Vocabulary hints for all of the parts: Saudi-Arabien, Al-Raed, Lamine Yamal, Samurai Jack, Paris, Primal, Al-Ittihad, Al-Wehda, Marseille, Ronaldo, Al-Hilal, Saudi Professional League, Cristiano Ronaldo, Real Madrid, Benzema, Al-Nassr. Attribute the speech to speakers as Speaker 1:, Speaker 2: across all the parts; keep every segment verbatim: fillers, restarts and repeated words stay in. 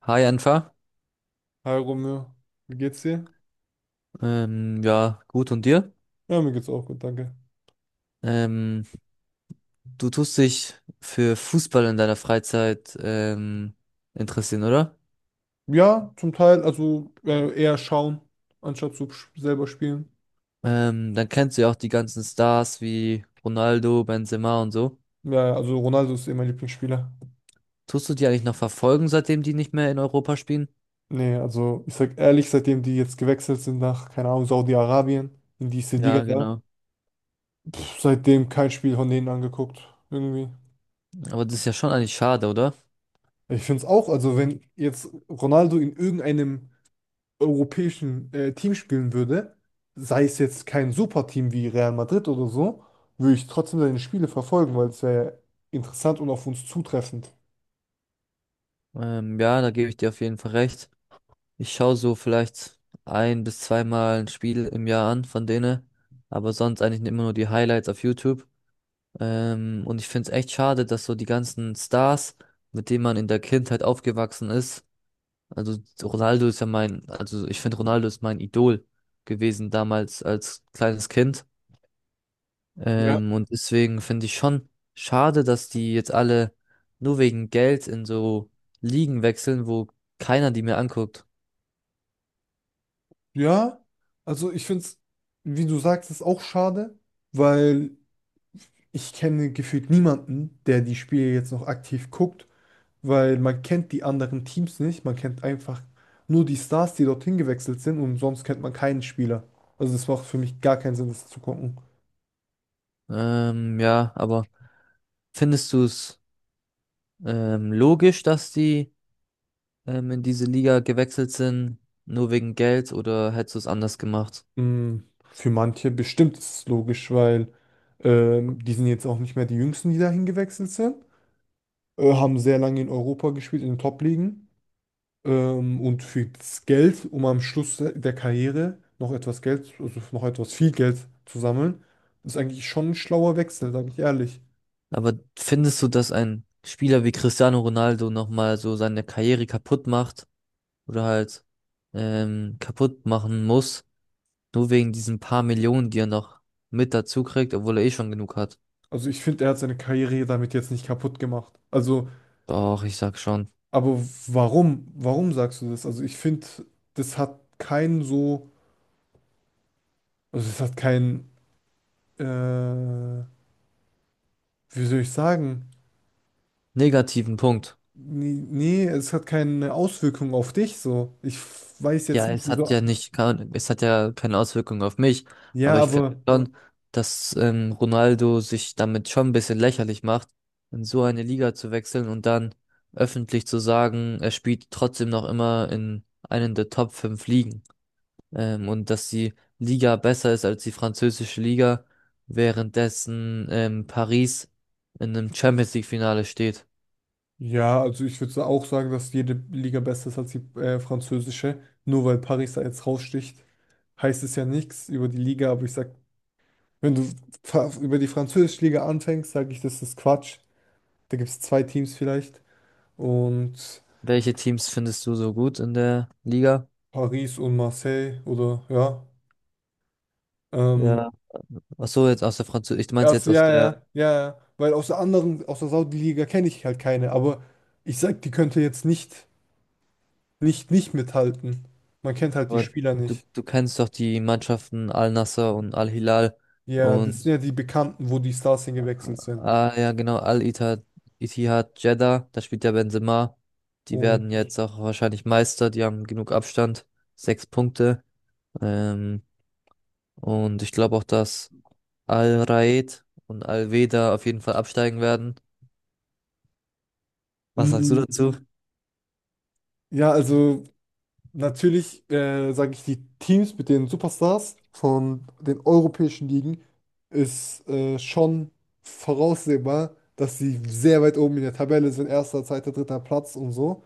Speaker 1: Hi Anfa.
Speaker 2: Hi Romeo, wie geht's dir?
Speaker 1: Ähm, ja, gut und dir?
Speaker 2: Ja, mir geht's auch gut, danke.
Speaker 1: Ähm, du tust dich für Fußball in deiner Freizeit ähm, interessieren, oder?
Speaker 2: Ja, zum Teil, also äh, eher schauen, anstatt zu sch- selber spielen.
Speaker 1: Ähm, dann kennst du ja auch die ganzen Stars wie Ronaldo, Benzema und so.
Speaker 2: Ja, ja, also Ronaldo ist eh mein Lieblingsspieler.
Speaker 1: Tust du die eigentlich noch verfolgen, seitdem die nicht mehr in Europa spielen?
Speaker 2: Nee, also ich sag ehrlich, seitdem die jetzt gewechselt sind nach, keine Ahnung, Saudi-Arabien, in diese Liga
Speaker 1: Ja,
Speaker 2: da,
Speaker 1: genau.
Speaker 2: pff, seitdem kein Spiel von denen angeguckt, irgendwie.
Speaker 1: Aber das ist ja schon eigentlich schade, oder?
Speaker 2: Ich find's auch, also wenn jetzt Ronaldo in irgendeinem europäischen äh, Team spielen würde, sei es jetzt kein Superteam wie Real Madrid oder so, würde ich trotzdem seine Spiele verfolgen, weil es wäre interessant und auf uns zutreffend.
Speaker 1: Ähm, ja, da gebe ich dir auf jeden Fall recht. Ich schaue so vielleicht ein bis zweimal ein Spiel im Jahr an von denen, aber sonst eigentlich immer nur die Highlights auf YouTube. Ähm, und ich finde es echt schade, dass so die ganzen Stars, mit denen man in der Kindheit aufgewachsen ist, also Ronaldo ist ja mein, also ich finde Ronaldo ist mein Idol gewesen damals als kleines Kind.
Speaker 2: Ja.
Speaker 1: Ähm, und deswegen finde ich schon schade, dass die jetzt alle nur wegen Geld in so Ligen wechseln, wo keiner die mehr anguckt.
Speaker 2: Ja, also ich finde es, wie du sagst, ist auch schade, weil ich kenne gefühlt niemanden, der die Spiele jetzt noch aktiv guckt, weil man kennt die anderen Teams nicht, man kennt einfach nur die Stars, die dorthin gewechselt sind und sonst kennt man keinen Spieler. Also das macht für mich gar keinen Sinn, das zu gucken.
Speaker 1: Ähm, ja, aber findest du es ähm, logisch, dass die ähm, in diese Liga gewechselt sind, nur wegen Geld oder hättest du es anders gemacht?
Speaker 2: Mm, Für manche bestimmt ist es logisch, weil ähm, die sind jetzt auch nicht mehr die Jüngsten, die dahin gewechselt sind, äh, haben sehr lange in Europa gespielt, in den Top-Ligen. Ähm, und für das Geld, um am Schluss der der Karriere noch etwas Geld, also noch etwas viel Geld zu sammeln, ist eigentlich schon ein schlauer Wechsel, sage ich ehrlich.
Speaker 1: Aber findest du, dass ein Spieler wie Cristiano Ronaldo nochmal so seine Karriere kaputt macht oder halt ähm, kaputt machen muss, nur wegen diesen paar Millionen, die er noch mit dazu kriegt, obwohl er eh schon genug hat?
Speaker 2: Also ich finde, er hat seine Karriere damit jetzt nicht kaputt gemacht. Also,
Speaker 1: Doch, ich sag schon.
Speaker 2: aber warum? Warum sagst du das? Also ich finde, das hat keinen so, also es hat keinen äh, wie soll ich sagen?
Speaker 1: Negativen Punkt.
Speaker 2: Nee, nee, es hat keine Auswirkung auf dich so. Ich weiß jetzt
Speaker 1: Ja,
Speaker 2: nicht,
Speaker 1: es hat
Speaker 2: wieso.
Speaker 1: ja nicht, kein- es hat ja keine Auswirkung auf mich,
Speaker 2: Ja,
Speaker 1: aber ich finde
Speaker 2: aber
Speaker 1: schon, dass ähm, Ronaldo sich damit schon ein bisschen lächerlich macht, in so eine Liga zu wechseln und dann öffentlich zu sagen, er spielt trotzdem noch immer in einen der Top fünf Ligen. Ähm, und dass die Liga besser ist als die französische Liga, währenddessen ähm, Paris in einem Champions League Finale steht.
Speaker 2: ja, also ich würde auch sagen, dass jede Liga besser ist als die äh, französische. Nur weil Paris da jetzt raussticht, heißt es ja nichts über die Liga. Aber ich sag, wenn du fa- über die französische Liga anfängst, sage ich, das ist Quatsch. Da gibt es zwei Teams vielleicht und
Speaker 1: Welche Teams findest du so gut in der Liga?
Speaker 2: Paris und Marseille oder ja. Ähm,
Speaker 1: Ja. Ach so, jetzt aus der Französischen, ich
Speaker 2: Ja,
Speaker 1: meinte jetzt
Speaker 2: so,
Speaker 1: aus
Speaker 2: ja,
Speaker 1: der.
Speaker 2: ja, ja, ja. Weil aus der anderen, aus der Saudi-Liga kenne ich halt keine, aber ich sag, die könnte jetzt nicht, nicht, nicht mithalten. Man kennt halt die
Speaker 1: Aber
Speaker 2: Spieler
Speaker 1: du,
Speaker 2: nicht.
Speaker 1: du kennst doch die Mannschaften Al-Nassr und Al-Hilal
Speaker 2: Ja, das sind
Speaker 1: und,
Speaker 2: ja die Bekannten, wo die Stars hingewechselt sind.
Speaker 1: ah ja, genau, Al-Ittihad, Ittihad Jeddah, da spielt ja Benzema. Die
Speaker 2: Und
Speaker 1: werden jetzt auch wahrscheinlich Meister, die haben genug Abstand, sechs Punkte. Ähm, und ich glaube auch, dass Al-Raed und Al-Wehda auf jeden Fall absteigen werden. Was sagst du
Speaker 2: mm,
Speaker 1: dazu?
Speaker 2: ja, also natürlich, äh, sage ich, die Teams mit den Superstars von den europäischen Ligen ist äh, schon voraussehbar, dass sie sehr weit oben in der Tabelle sind, erster, zweiter, dritter Platz und so.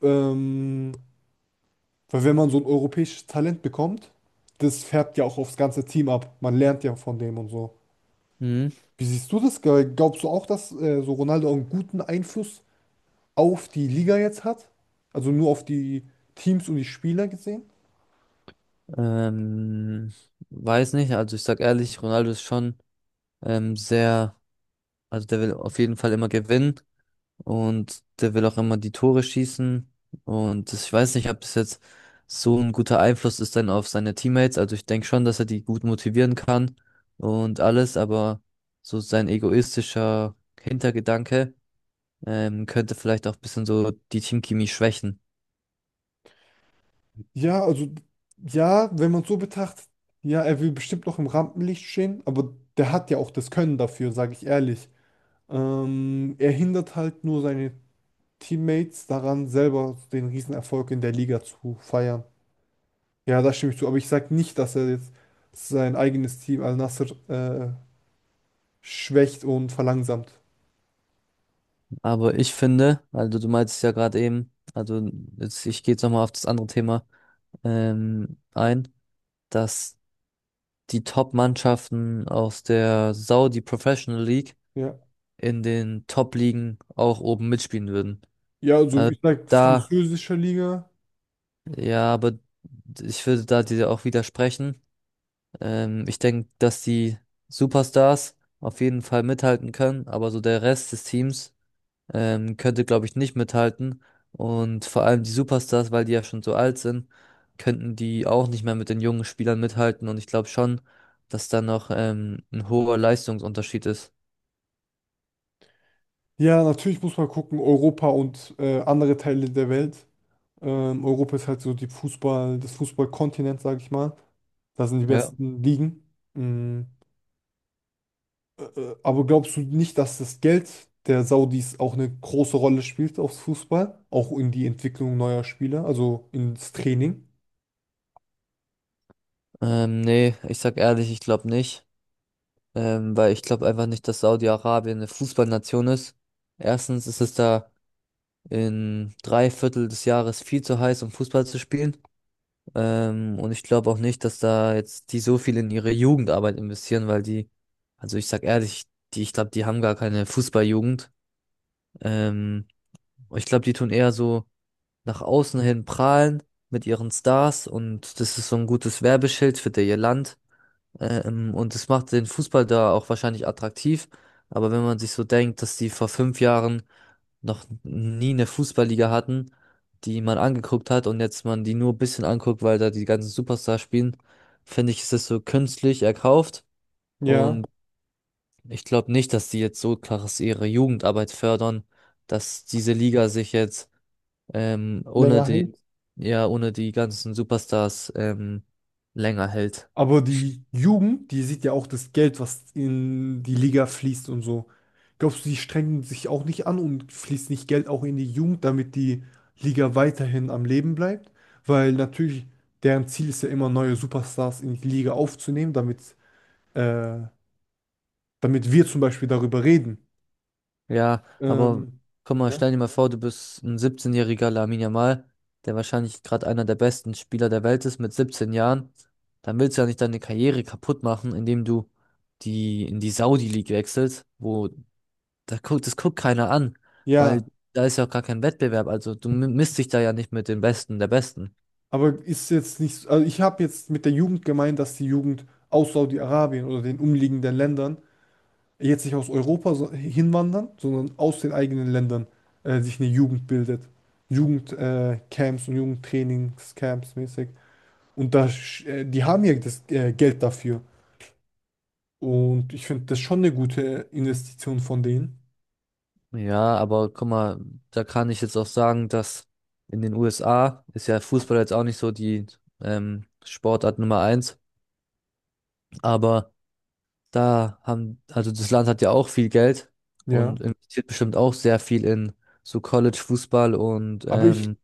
Speaker 2: Ähm, Weil wenn man so ein europäisches Talent bekommt, das färbt ja auch aufs ganze Team ab. Man lernt ja von dem und so.
Speaker 1: Mhm.
Speaker 2: Wie siehst du das? Ge- Glaubst du auch, dass äh, so Ronaldo einen guten Einfluss auf die Liga jetzt hat? Also nur auf die Teams und die Spieler gesehen?
Speaker 1: Ähm, weiß nicht, also ich sag ehrlich, Ronaldo ist schon ähm, sehr, also der will auf jeden Fall immer gewinnen. Und der will auch immer die Tore schießen. Und das, ich weiß nicht, ob das jetzt so ein guter Einfluss ist dann auf seine Teammates. Also ich denke schon, dass er die gut motivieren kann und alles, aber so sein egoistischer Hintergedanke ähm, könnte vielleicht auch ein bisschen so die Teamchemie schwächen.
Speaker 2: Ja, also ja, wenn man es so betrachtet, ja, er will bestimmt noch im Rampenlicht stehen, aber der hat ja auch das Können dafür, sage ich ehrlich. Ähm, er hindert halt nur seine Teammates daran, selber den Riesenerfolg in der Liga zu feiern. Ja, da stimme ich zu. Aber ich sage nicht, dass er jetzt sein eigenes Team Al-Nassr äh, schwächt und verlangsamt.
Speaker 1: Aber ich finde, also du meintest ja gerade eben, also jetzt, ich gehe jetzt nochmal auf das andere Thema ähm, ein, dass die Top-Mannschaften aus der Saudi Professional League
Speaker 2: Ja.
Speaker 1: in den Top-Ligen auch oben mitspielen würden.
Speaker 2: Ja, also
Speaker 1: Also
Speaker 2: ich sage
Speaker 1: da,
Speaker 2: französische Liga.
Speaker 1: ja, aber ich würde da dir auch widersprechen. Ähm, ich denke, dass die Superstars auf jeden Fall mithalten können, aber so der Rest des Teams ähm, könnte, glaube ich, nicht mithalten. Und vor allem die Superstars, weil die ja schon so alt sind, könnten die auch nicht mehr mit den jungen Spielern mithalten. Und ich glaube schon, dass da noch ähm, ein hoher Leistungsunterschied ist.
Speaker 2: Ja, natürlich muss man gucken, Europa und äh, andere Teile der Welt. Ähm, Europa ist halt so die Fußball, das Fußballkontinent, sage ich mal. Da sind die
Speaker 1: Ja.
Speaker 2: besten Ligen. Mm, äh, äh, aber glaubst du nicht, dass das Geld der Saudis auch eine große Rolle spielt aufs Fußball? Auch in die Entwicklung neuer Spieler, also ins Training?
Speaker 1: Ähm, nee, ich sag ehrlich, ich glaube nicht. Ähm, weil ich glaube einfach nicht, dass Saudi-Arabien eine Fußballnation ist. Erstens ist es da in drei Viertel des Jahres viel zu heiß, um Fußball zu spielen. Ähm, und ich glaube auch nicht, dass da jetzt die so viel in ihre Jugendarbeit investieren, weil die, also ich sag ehrlich, die, ich glaube, die haben gar keine Fußballjugend. Ähm, ich glaube, die tun eher so nach außen hin prahlen mit ihren Stars und das ist so ein gutes Werbeschild für ihr Land. Ähm, und es macht den Fußball da auch wahrscheinlich attraktiv. Aber wenn man sich so denkt, dass die vor fünf Jahren noch nie eine Fußballliga hatten, die man angeguckt hat und jetzt man die nur ein bisschen anguckt, weil da die ganzen Superstars spielen, finde ich, ist es so künstlich erkauft.
Speaker 2: Ja.
Speaker 1: Und ich glaube nicht, dass die jetzt so krass ihre Jugendarbeit fördern, dass diese Liga sich jetzt ähm, ohne
Speaker 2: Länger
Speaker 1: die,
Speaker 2: hält.
Speaker 1: ja, ohne die ganzen Superstars ähm, länger hält.
Speaker 2: Aber die Jugend, die sieht ja auch das Geld, was in die Liga fließt und so. Glaubst du, die strengen sich auch nicht an und fließt nicht Geld auch in die Jugend, damit die Liga weiterhin am Leben bleibt? Weil natürlich deren Ziel ist ja immer, neue Superstars in die Liga aufzunehmen, damit, äh, damit wir zum Beispiel darüber reden.
Speaker 1: Ja, aber
Speaker 2: Ähm,
Speaker 1: guck mal,
Speaker 2: ja,
Speaker 1: stell dir mal vor, du bist ein siebzehnjähriger-jähriger Lamine Yamal, der wahrscheinlich gerade einer der besten Spieler der Welt ist mit siebzehn Jahren. Dann willst du ja nicht deine Karriere kaputt machen, indem du die in die Saudi-League wechselst, wo da guckt, das guckt keiner an, weil
Speaker 2: ja,
Speaker 1: da ist ja auch gar kein Wettbewerb. Also du mi- misst dich da ja nicht mit den Besten der Besten.
Speaker 2: aber ist jetzt nicht, also ich habe jetzt mit der Jugend gemeint, dass die Jugend aus Saudi-Arabien oder den umliegenden Ländern jetzt nicht aus Europa so- hinwandern, sondern aus den eigenen Ländern äh, sich eine Jugend bildet. Jugendcamps äh, Camps und Jugendtrainingscamps mäßig. Und da, sch- äh, die haben ja das äh, Geld dafür. Und ich finde das schon eine gute Investition von denen.
Speaker 1: Ja, aber guck mal, da kann ich jetzt auch sagen, dass in den U S A ist ja Fußball jetzt auch nicht so die ähm, Sportart Nummer eins, aber da haben, also das Land hat ja auch viel Geld
Speaker 2: Ja.
Speaker 1: und investiert bestimmt auch sehr viel in so College-Fußball und
Speaker 2: Aber mhm,
Speaker 1: ähm,
Speaker 2: ich,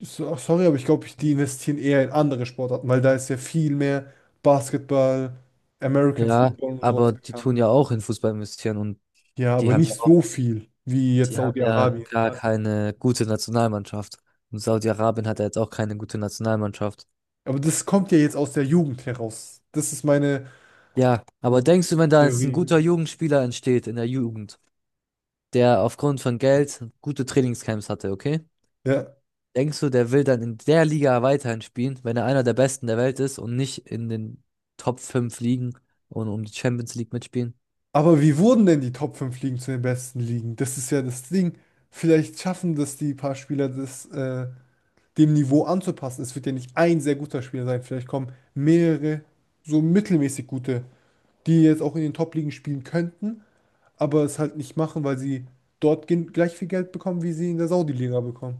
Speaker 2: so, sorry, aber ich glaube, ich, die investieren eher in andere Sportarten, weil da ist ja viel mehr Basketball, American
Speaker 1: ja,
Speaker 2: Football und sowas
Speaker 1: aber die
Speaker 2: bekannt.
Speaker 1: tun ja auch in Fußball investieren und
Speaker 2: Ja,
Speaker 1: die
Speaker 2: aber
Speaker 1: haben ja
Speaker 2: nicht mhm,
Speaker 1: auch,
Speaker 2: so viel wie jetzt
Speaker 1: die haben ja
Speaker 2: Saudi-Arabien.
Speaker 1: gar keine gute Nationalmannschaft. Und Saudi-Arabien hat ja jetzt auch keine gute Nationalmannschaft.
Speaker 2: Aber das kommt ja jetzt aus der Jugend heraus. Das ist meine
Speaker 1: Ja, aber denkst du, wenn da jetzt ein
Speaker 2: Theorie.
Speaker 1: guter Jugendspieler entsteht in der Jugend, der aufgrund von Geld gute Trainingscamps hatte, okay?
Speaker 2: Ja.
Speaker 1: Denkst du, der will dann in der Liga weiterhin spielen, wenn er einer der Besten der Welt ist und nicht in den Top fünf Ligen und um die Champions League mitspielen?
Speaker 2: Aber wie wurden denn die Top fünf Ligen zu den besten Ligen? Das ist ja das Ding. Vielleicht schaffen das die paar Spieler, das äh, dem Niveau anzupassen. Es wird ja nicht ein sehr guter Spieler sein. Vielleicht kommen mehrere so mittelmäßig gute, die jetzt auch in den Top-Ligen spielen könnten, aber es halt nicht machen, weil sie dort gen- gleich viel Geld bekommen, wie sie in der Saudi-Liga bekommen.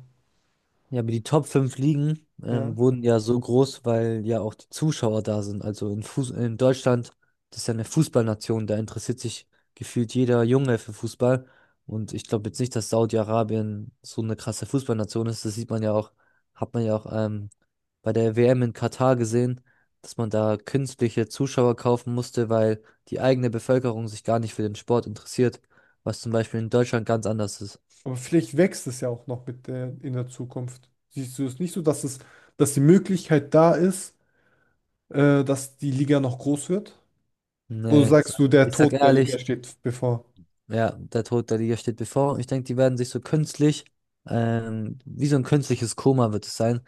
Speaker 1: Ja, aber die Top fünf Ligen
Speaker 2: Ja.
Speaker 1: ähm, wurden ja so groß, weil ja auch die Zuschauer da sind. Also in Fuß in Deutschland, das ist ja eine Fußballnation, da interessiert sich gefühlt jeder Junge für Fußball. Und ich glaube jetzt nicht, dass Saudi-Arabien so eine krasse Fußballnation ist. Das sieht man ja auch, hat man ja auch ähm, bei der We Em in Katar gesehen, dass man da künstliche Zuschauer kaufen musste, weil die eigene Bevölkerung sich gar nicht für den Sport interessiert, was zum Beispiel in Deutschland ganz anders ist.
Speaker 2: Aber vielleicht wächst es ja auch noch mit der, in der Zukunft. Siehst du es nicht so, dass es, dass die Möglichkeit da ist, äh, dass die Liga noch groß wird? Oder
Speaker 1: Nee,
Speaker 2: sagst
Speaker 1: sag,
Speaker 2: du, der
Speaker 1: ich sag
Speaker 2: Tod der Liga
Speaker 1: ehrlich.
Speaker 2: steht bevor?
Speaker 1: Ja, der Tod der Liga steht bevor. Und ich denke, die werden sich so künstlich, ähm, wie so ein künstliches Koma wird es sein.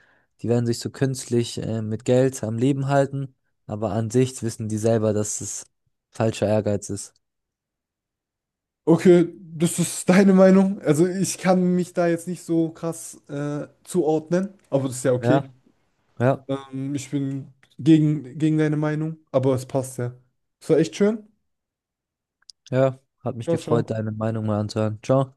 Speaker 1: Die werden sich so künstlich, äh, mit Geld am Leben halten. Aber an sich wissen die selber, dass es falscher Ehrgeiz ist.
Speaker 2: Okay, das ist deine Meinung. Also ich kann mich da jetzt nicht so krass äh, zuordnen, aber das ist ja okay.
Speaker 1: Ja, ja,
Speaker 2: Ähm, ich bin gegen, gegen deine Meinung, aber es passt ja. Es war echt schön.
Speaker 1: ja. Hat mich
Speaker 2: Ciao,
Speaker 1: gefreut,
Speaker 2: ciao.
Speaker 1: deine Meinung mal anzuhören. Ciao.